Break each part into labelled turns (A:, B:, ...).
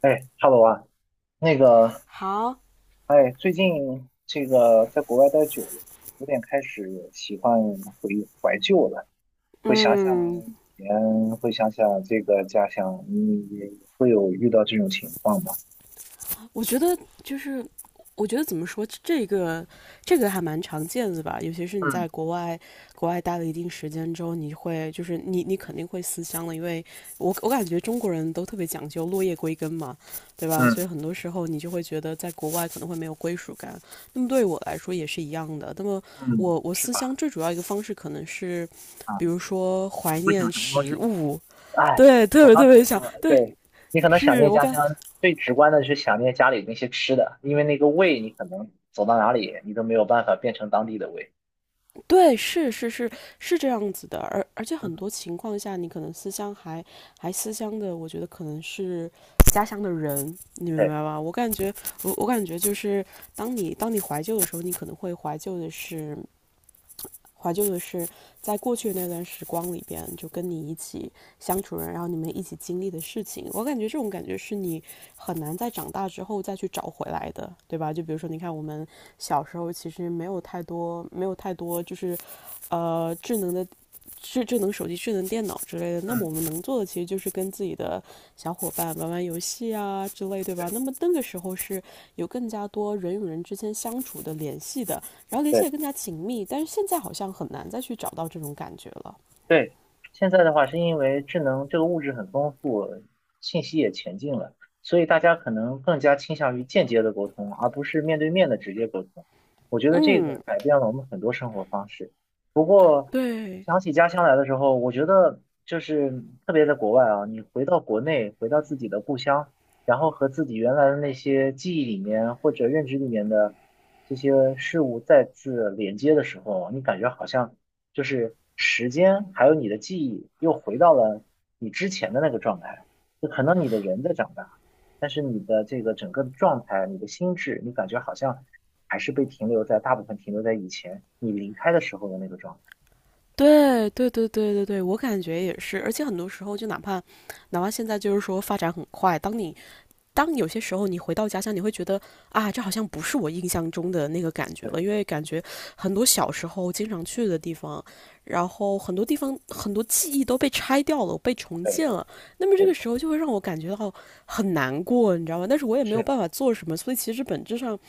A: 哎哈 啊，那个，
B: 好，
A: 哎，最近这个在国外待久了，有点开始喜欢怀旧了，会想想
B: 嗯，
A: 以前，会想想这个家乡，你也会有遇到这种情况吗？
B: 我觉得就是，我觉得怎么说，这个还蛮常见的吧，尤其是你
A: 嗯
B: 在国外待了一定时间之后，你会就是你你肯定会思乡了，因为我感觉中国人都特别讲究落叶归根嘛，对吧？所
A: 嗯
B: 以很多时候你就会觉得在国外可能会没有归属感。那么对我来说也是一样的。那么
A: 嗯，
B: 我
A: 是
B: 思乡
A: 吧？
B: 最主要一个方式可能是，
A: 啊，
B: 比如说怀
A: 你会想
B: 念
A: 什么东
B: 食
A: 西？
B: 物，
A: 哎，
B: 对，特
A: 我
B: 别
A: 刚
B: 特
A: 准
B: 别
A: 备
B: 想，
A: 说，
B: 对，
A: 对，你可能想
B: 是
A: 念
B: 我
A: 家
B: 感。
A: 乡，最直观的是想念家里那些吃的，因为那个味，你可能走到哪里，你都没有办法变成当地的味。
B: 对，是是这样子的，而且
A: 嗯，
B: 很多情况下，你可能思乡还思乡的，我觉得可能是家乡的人，你明白
A: 对，
B: 吧？我感觉，我感觉就是，当你怀旧的时候，你可能会怀旧的是在过去那段时光里边，就跟你一起相处人，然后你们一起经历的事情。我感觉这种感觉是你很难在长大之后再去找回来的，对吧？就比如说，你看我们小时候其实没有太多，没有太多，智能的。智能手机、智能电脑之类的，那么
A: 嗯。
B: 我们能做的其实就是跟自己的小伙伴玩玩游戏啊之类，对吧？
A: 对。
B: 那么那个时候是有更加多人与人之间相处的联系的，然后联系
A: 对
B: 也更加紧密。但是现在好像很难再去找到这种感觉了。
A: 对，现在的话是因为智能这个物质很丰富，信息也前进了，所以大家可能更加倾向于间接的沟通，而不是面对面的直接沟通。我觉得这个
B: 嗯，
A: 改变了我们很多生活方式。不过
B: 对
A: 想起家乡来的时候，我觉得就是特别在国外啊，你回到国内，回到自己的故乡，然后和自己原来的那些记忆里面或者认知里面的这些事物再次连接的时候，你感觉好像。就是时间还有你的记忆又回到了你之前的那个状态。就可能你的人在长大，但是你的这个整个的状态、你的心智，你感觉好像还是被停留在大部分停留在以前你离开的时候的那个状态。
B: 对对对对对对，我感觉也是，而且很多时候就哪怕现在就是说发展很快，当有些时候你回到家乡，你会觉得啊，这好像不是我印象中的那个感觉
A: 对
B: 了，因为感觉很多小时候经常去的地方，然后很多地方很多记忆都被拆掉了，被重
A: 对，
B: 建了，那么这
A: 没
B: 个
A: 错，
B: 时候就会让我感觉到很难过，你知道吗？但是我也没有
A: 是，
B: 办法做什么，所以其实本质上。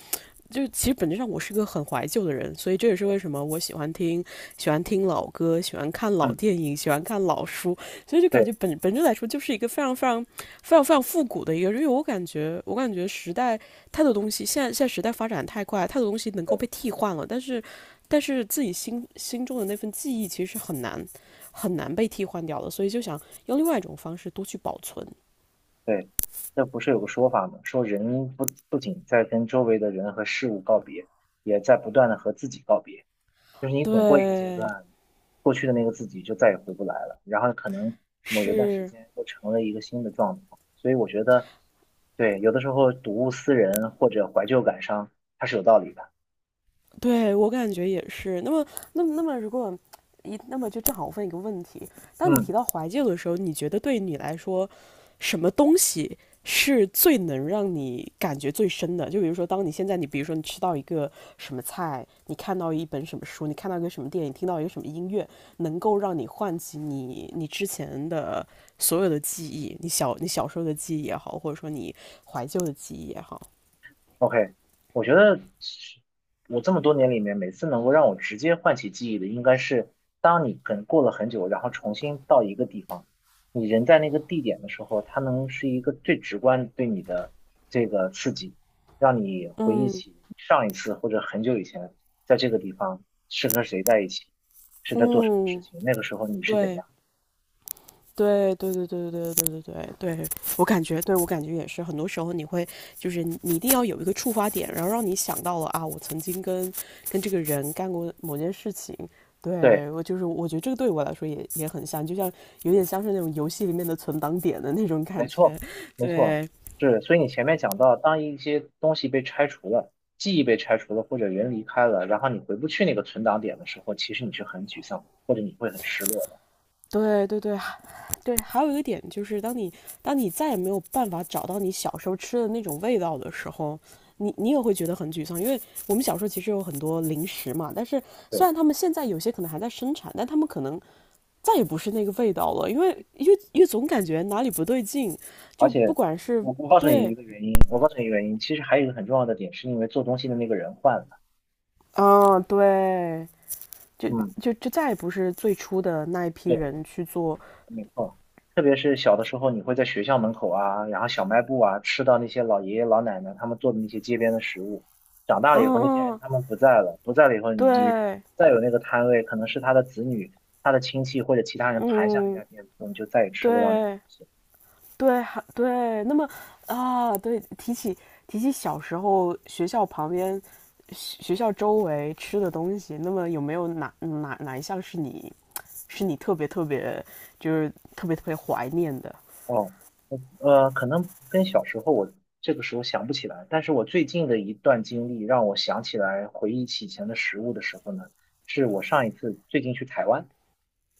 B: 就是其实本质上我是个很怀旧的人，所以这也是
A: 对，
B: 为什么我喜欢听老歌，喜欢看老
A: 嗯，
B: 电影，喜欢看老书，所以就感觉
A: 对
B: 本质来说就是一个非常非常非常非常复古的一个，因为我感觉时代太多东西，现在时代发展太快，太多东西能够
A: 对
B: 被替换了，但是自己心中的那份记忆其实是很难很难被替换掉的，所以就想用另外一种方式多去保存。
A: 对，那不是有个说法吗？说人不仅在跟周围的人和事物告别，也在不断的和自己告别。就是你总过一个阶
B: 对，
A: 段，过去的那个自己就再也回不来了，然后可能某一段时
B: 是。
A: 间又成了一个新的状态，所以我觉得，对，有的时候睹物思人或者怀旧感伤，它是有道理的。
B: 对我感觉也是。那么，如果那么就正好我问一个问题：当你
A: 嗯。
B: 提到怀旧的时候，你觉得对你来说，什么东西是最能让你感觉最深的？就比如说，当你现在你比如说你吃到一个什么菜，你看到一本什么书，你看到一个什么电影，听到一个什么音乐，能够让你唤起你之前的所有的记忆，你小时候的记忆也好，或者说你怀旧的记忆也好。
A: OK，我觉得我这么多年里面，每次能够让我直接唤起记忆的，应该是当你可能过了很久，然后重新到一个地方，你人在那个地点的时候，它能是一个最直观对你的这个刺激，让你回忆
B: 嗯
A: 起上一次或者很久以前在这个地方是和谁在一起，是在做什么事
B: 嗯，
A: 情，那个时候你是怎
B: 对，
A: 样。
B: 对对对对对对对对对对，我感觉，对我感觉也是，很多时候你会就是你你一定要有一个触发点，然后让你想到了啊，我曾经跟这个人干过某件事情。
A: 对。
B: 对我就是，我觉得这个对我来说也也很像，就像有点像是那种游戏里面的存档点的那种感
A: 没
B: 觉。
A: 错，没错，
B: 对
A: 是。所以你前面讲到，当一些东西被拆除了，记忆被拆除了，或者人离开了，然后你回不去那个存档点的时候，其实你是很沮丧的，或者你会很失落的。
B: 对对对，对，还有一个点就是，当你再也没有办法找到你小时候吃的那种味道的时候，你你也会觉得很沮丧，因为我们小时候其实有很多零食嘛，但是虽
A: 对，
B: 然他们现在有些可能还在生产，但他们可能再也不是那个味道了，因为总感觉哪里不对劲，
A: 而
B: 就不
A: 且
B: 管是
A: 我告诉你一
B: 对，
A: 个原因，我告诉你一个原因，其实还有一个很重要的点，是因为做东西的那个人换了。
B: 啊对，就
A: 嗯，
B: 就再也不是最初的那一批
A: 对。
B: 人去做，
A: 特别是小的时候，你会在学校门口啊，然后小卖部啊，吃到那些老爷爷老奶奶他们做的那些街边的食物。长大了以后，那些人
B: 嗯，
A: 他们不在了，不在了以后，你
B: 对，
A: 再有那个摊位，可能是他的子女、他的亲戚或者其他人盘下那家
B: 嗯，
A: 店铺，你就再也吃不到那个东
B: 对。
A: 西。
B: 对，还对，那么啊，对，提起小时候学校旁边、学校周围吃的东西，那么有没有哪一项是你特别特别特别特别怀念的
A: 哦，我可能跟小时候我这个时候想不起来，但是我最近的一段经历让我想起来，回忆起以前的食物的时候呢，是我上一次最近去台湾，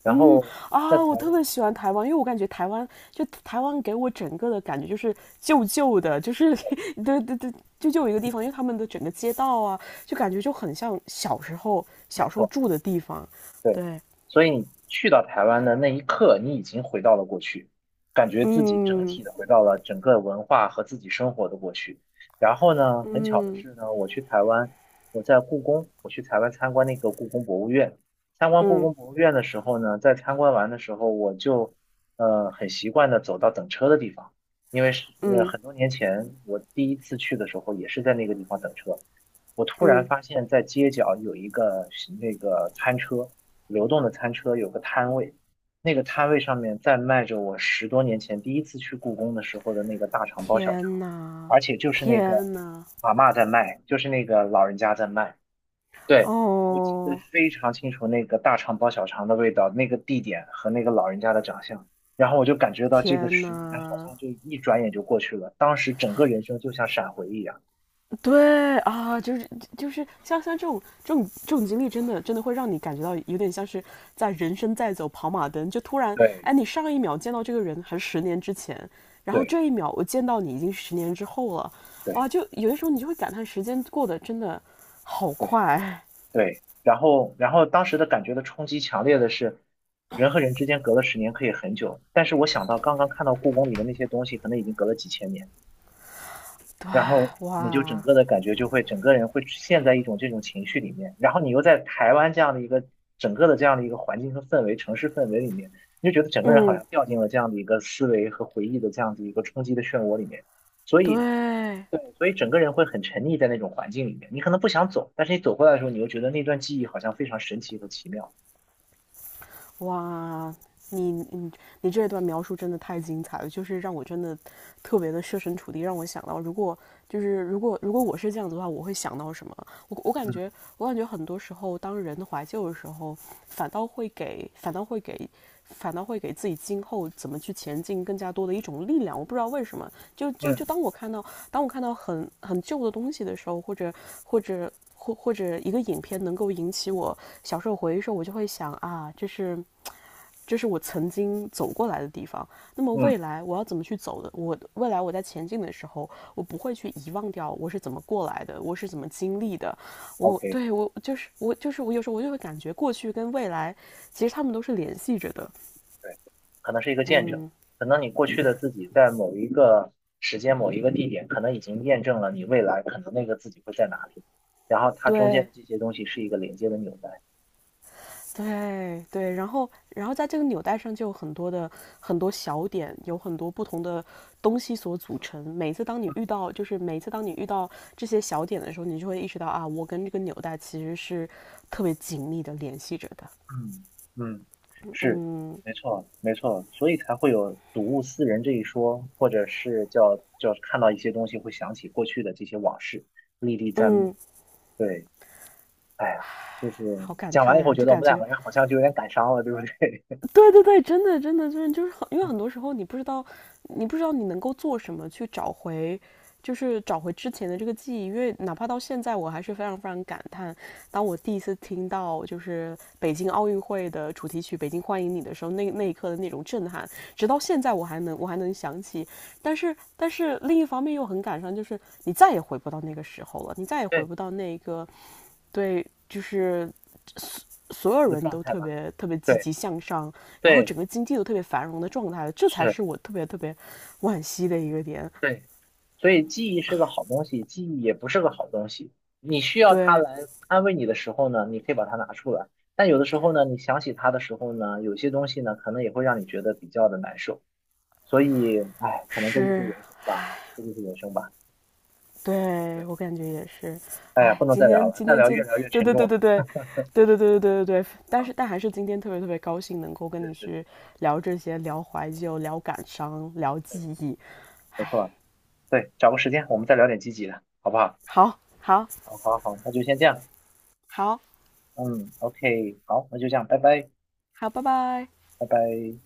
A: 然后在
B: 啊？
A: 台
B: 我特
A: 湾，
B: 别喜欢台湾，因为我感觉台湾给我整个的感觉就是旧旧的，就是 对对对，就有一个地方，因为他们的整个街道啊，就感觉就很像
A: 没
B: 小时候
A: 错。
B: 住的地方，
A: 对，
B: 对，
A: 所以你去到台湾的那一刻，你已经回到了过去，感觉自己整
B: 嗯
A: 体的回到了整个文化和自己生活的过去。然后呢，很巧的
B: 嗯。
A: 是呢，我去台湾，我在故宫，我去台湾参观那个故宫博物院。参观故
B: 嗯
A: 宫博物院的时候呢，在参观完的时候，我就很习惯的走到等车的地方，因为是
B: 嗯
A: 很多年前我第一次去的时候，也是在那个地方等车。我突然
B: 嗯，
A: 发现，在街角有一个那个餐车。流动的餐车有个摊位，那个摊位上面在卖着我十多年前第一次去故宫的时候的那个大肠包小肠，
B: 天呐，
A: 而且就是那个
B: 天呐，
A: 阿嬷在卖，就是那个老人家在卖。对，我记得
B: 哦，
A: 非常清楚那个大肠包小肠的味道、那个地点和那个老人家的长相，然后我就感觉到这个
B: 天
A: 十年好
B: 呐，
A: 像就一转眼就过去了，当时整个人生就像闪回一样。
B: 对啊，就是就是像这种这种这种经历，真的真的会让你感觉到有点像是在人生在走跑马灯，就突然，
A: 对
B: 哎，你上一秒见到这个人还是十年之前，然后
A: 对
B: 这一秒我见到你已经是十年之后了，
A: 对
B: 哇，就有的时候你就会感叹时间过得真的好
A: 对。
B: 快，
A: 对，然后当时的感觉的冲击强烈的是，人和人之间隔了十年可以很久，但是我想到刚刚看到故宫里的那些东西，可能已经隔了几千年，然后你就整
B: 哇，
A: 个的感觉就会，整个人会陷在一种这种情绪里面，然后你又在台湾这样的一个整个的这样的一个环境和氛围、城市氛围里面，你就觉得整个人好
B: 嗯，
A: 像掉进了这样的一个思维和回忆的这样的一个冲击的漩涡里面，所以。
B: 对，
A: 对，所以整个人会很沉溺在那种环境里面，你可能不想走，但是你走过来的时候，你又觉得那段记忆好像非常神奇和奇妙。
B: 哇，你你你这一段描述真的太精彩了，就是让我真的特别的设身处地，让我想到，如果如果如果我是这样子的话，我会想到什么？我感觉
A: 嗯
B: 我感觉很多时候，当人怀旧的时候，反倒会给反倒会给反倒会给自己今后怎么去前进更加多的一种力量。我不知道为什么，
A: 嗯
B: 就当我看到很很旧的东西的时候，或者或者一个影片能够引起我小时候回忆的时候，我就会想啊，这是我曾经走过来的地方。那么
A: 嗯
B: 未来我要怎么去走的？我未来我在前进的时候，我不会去遗忘掉我是怎么过来的，我是怎么经历的。
A: ，OK，
B: 我就是我有时候我就会感觉过去跟未来其实他们都是联系着的。
A: 对，可能是一个见证，
B: 嗯，
A: 可能你过去的自己在某一个时间、某一个地点，可能已经验证了你未来可能那个自己会在哪里，然后它中间的
B: 对。
A: 这些东西是一个连接的纽带。
B: 对对，然后在这个纽带上就有很多小点，有很多不同的东西所组成。每次当你遇到，就是每次当你遇到这些小点的时候，你就会意识到啊，我跟这个纽带其实是特别紧密的联系着的。
A: 嗯嗯，是，没错没错，所以才会有睹物思人这一说，或者是叫看到一些东西会想起过去的这些往事，历历在目。
B: 嗯，
A: 对，哎呀，就是
B: 好感
A: 讲完
B: 叹
A: 以后，
B: 呀、
A: 觉
B: 就
A: 得我
B: 感
A: 们两
B: 觉
A: 个人好像就有点感伤了，对不对？
B: 对对对，真的真的真的就是很，因为很多时候你不知道，你不知道你能够做什么去找回，就是找回之前的这个记忆。因为哪怕到现在，我还是非常非常感叹，当我第一次听到就是北京奥运会的主题曲《北京欢迎你》的时候，那一刻的那种震撼，直到现在我还能想起。但是另一方面又很感伤，就是你再也回不到那个时候了，你再也 回
A: 对，
B: 不到那个对，就是所有
A: 那个
B: 人
A: 状
B: 都
A: 态
B: 特
A: 吧。
B: 别特别积
A: 对
B: 极向上，然后
A: 对，
B: 整个经济都特别繁荣的状态，这才
A: 是
B: 是我特别特别惋惜的一个点。
A: 对，所以记忆是个好东西，记忆也不是个好东西。你需要它
B: 对，
A: 来安慰你的时候呢，你可以把它拿出来；但有的时候呢，你想起它的时候呢，有些东西呢，可能也会让你觉得比较的难受。所以，哎，可能这就是
B: 是，
A: 人生吧，这就是人生吧。
B: 对
A: 对，
B: 我感觉也是。
A: 哎呀，
B: 哎，
A: 不能
B: 今
A: 再聊
B: 天
A: 了，
B: 今
A: 再
B: 天
A: 聊越
B: 今，
A: 聊越
B: 对
A: 沉
B: 对对
A: 重了。
B: 对对，对对对对对对对。但
A: 啊，
B: 是但还是今天特别特别高兴能够跟
A: 是
B: 你
A: 是
B: 去
A: 是，
B: 聊这些，聊怀旧，聊感伤，聊
A: 对，
B: 记忆。
A: 没
B: 哎，
A: 错，对，找个时间我们再聊点积极的，好不好？
B: 好，好，
A: 好，好，好，那就先这样。
B: 好，
A: 嗯，OK，好，那就这样，拜拜，
B: 好，拜拜。
A: 拜拜。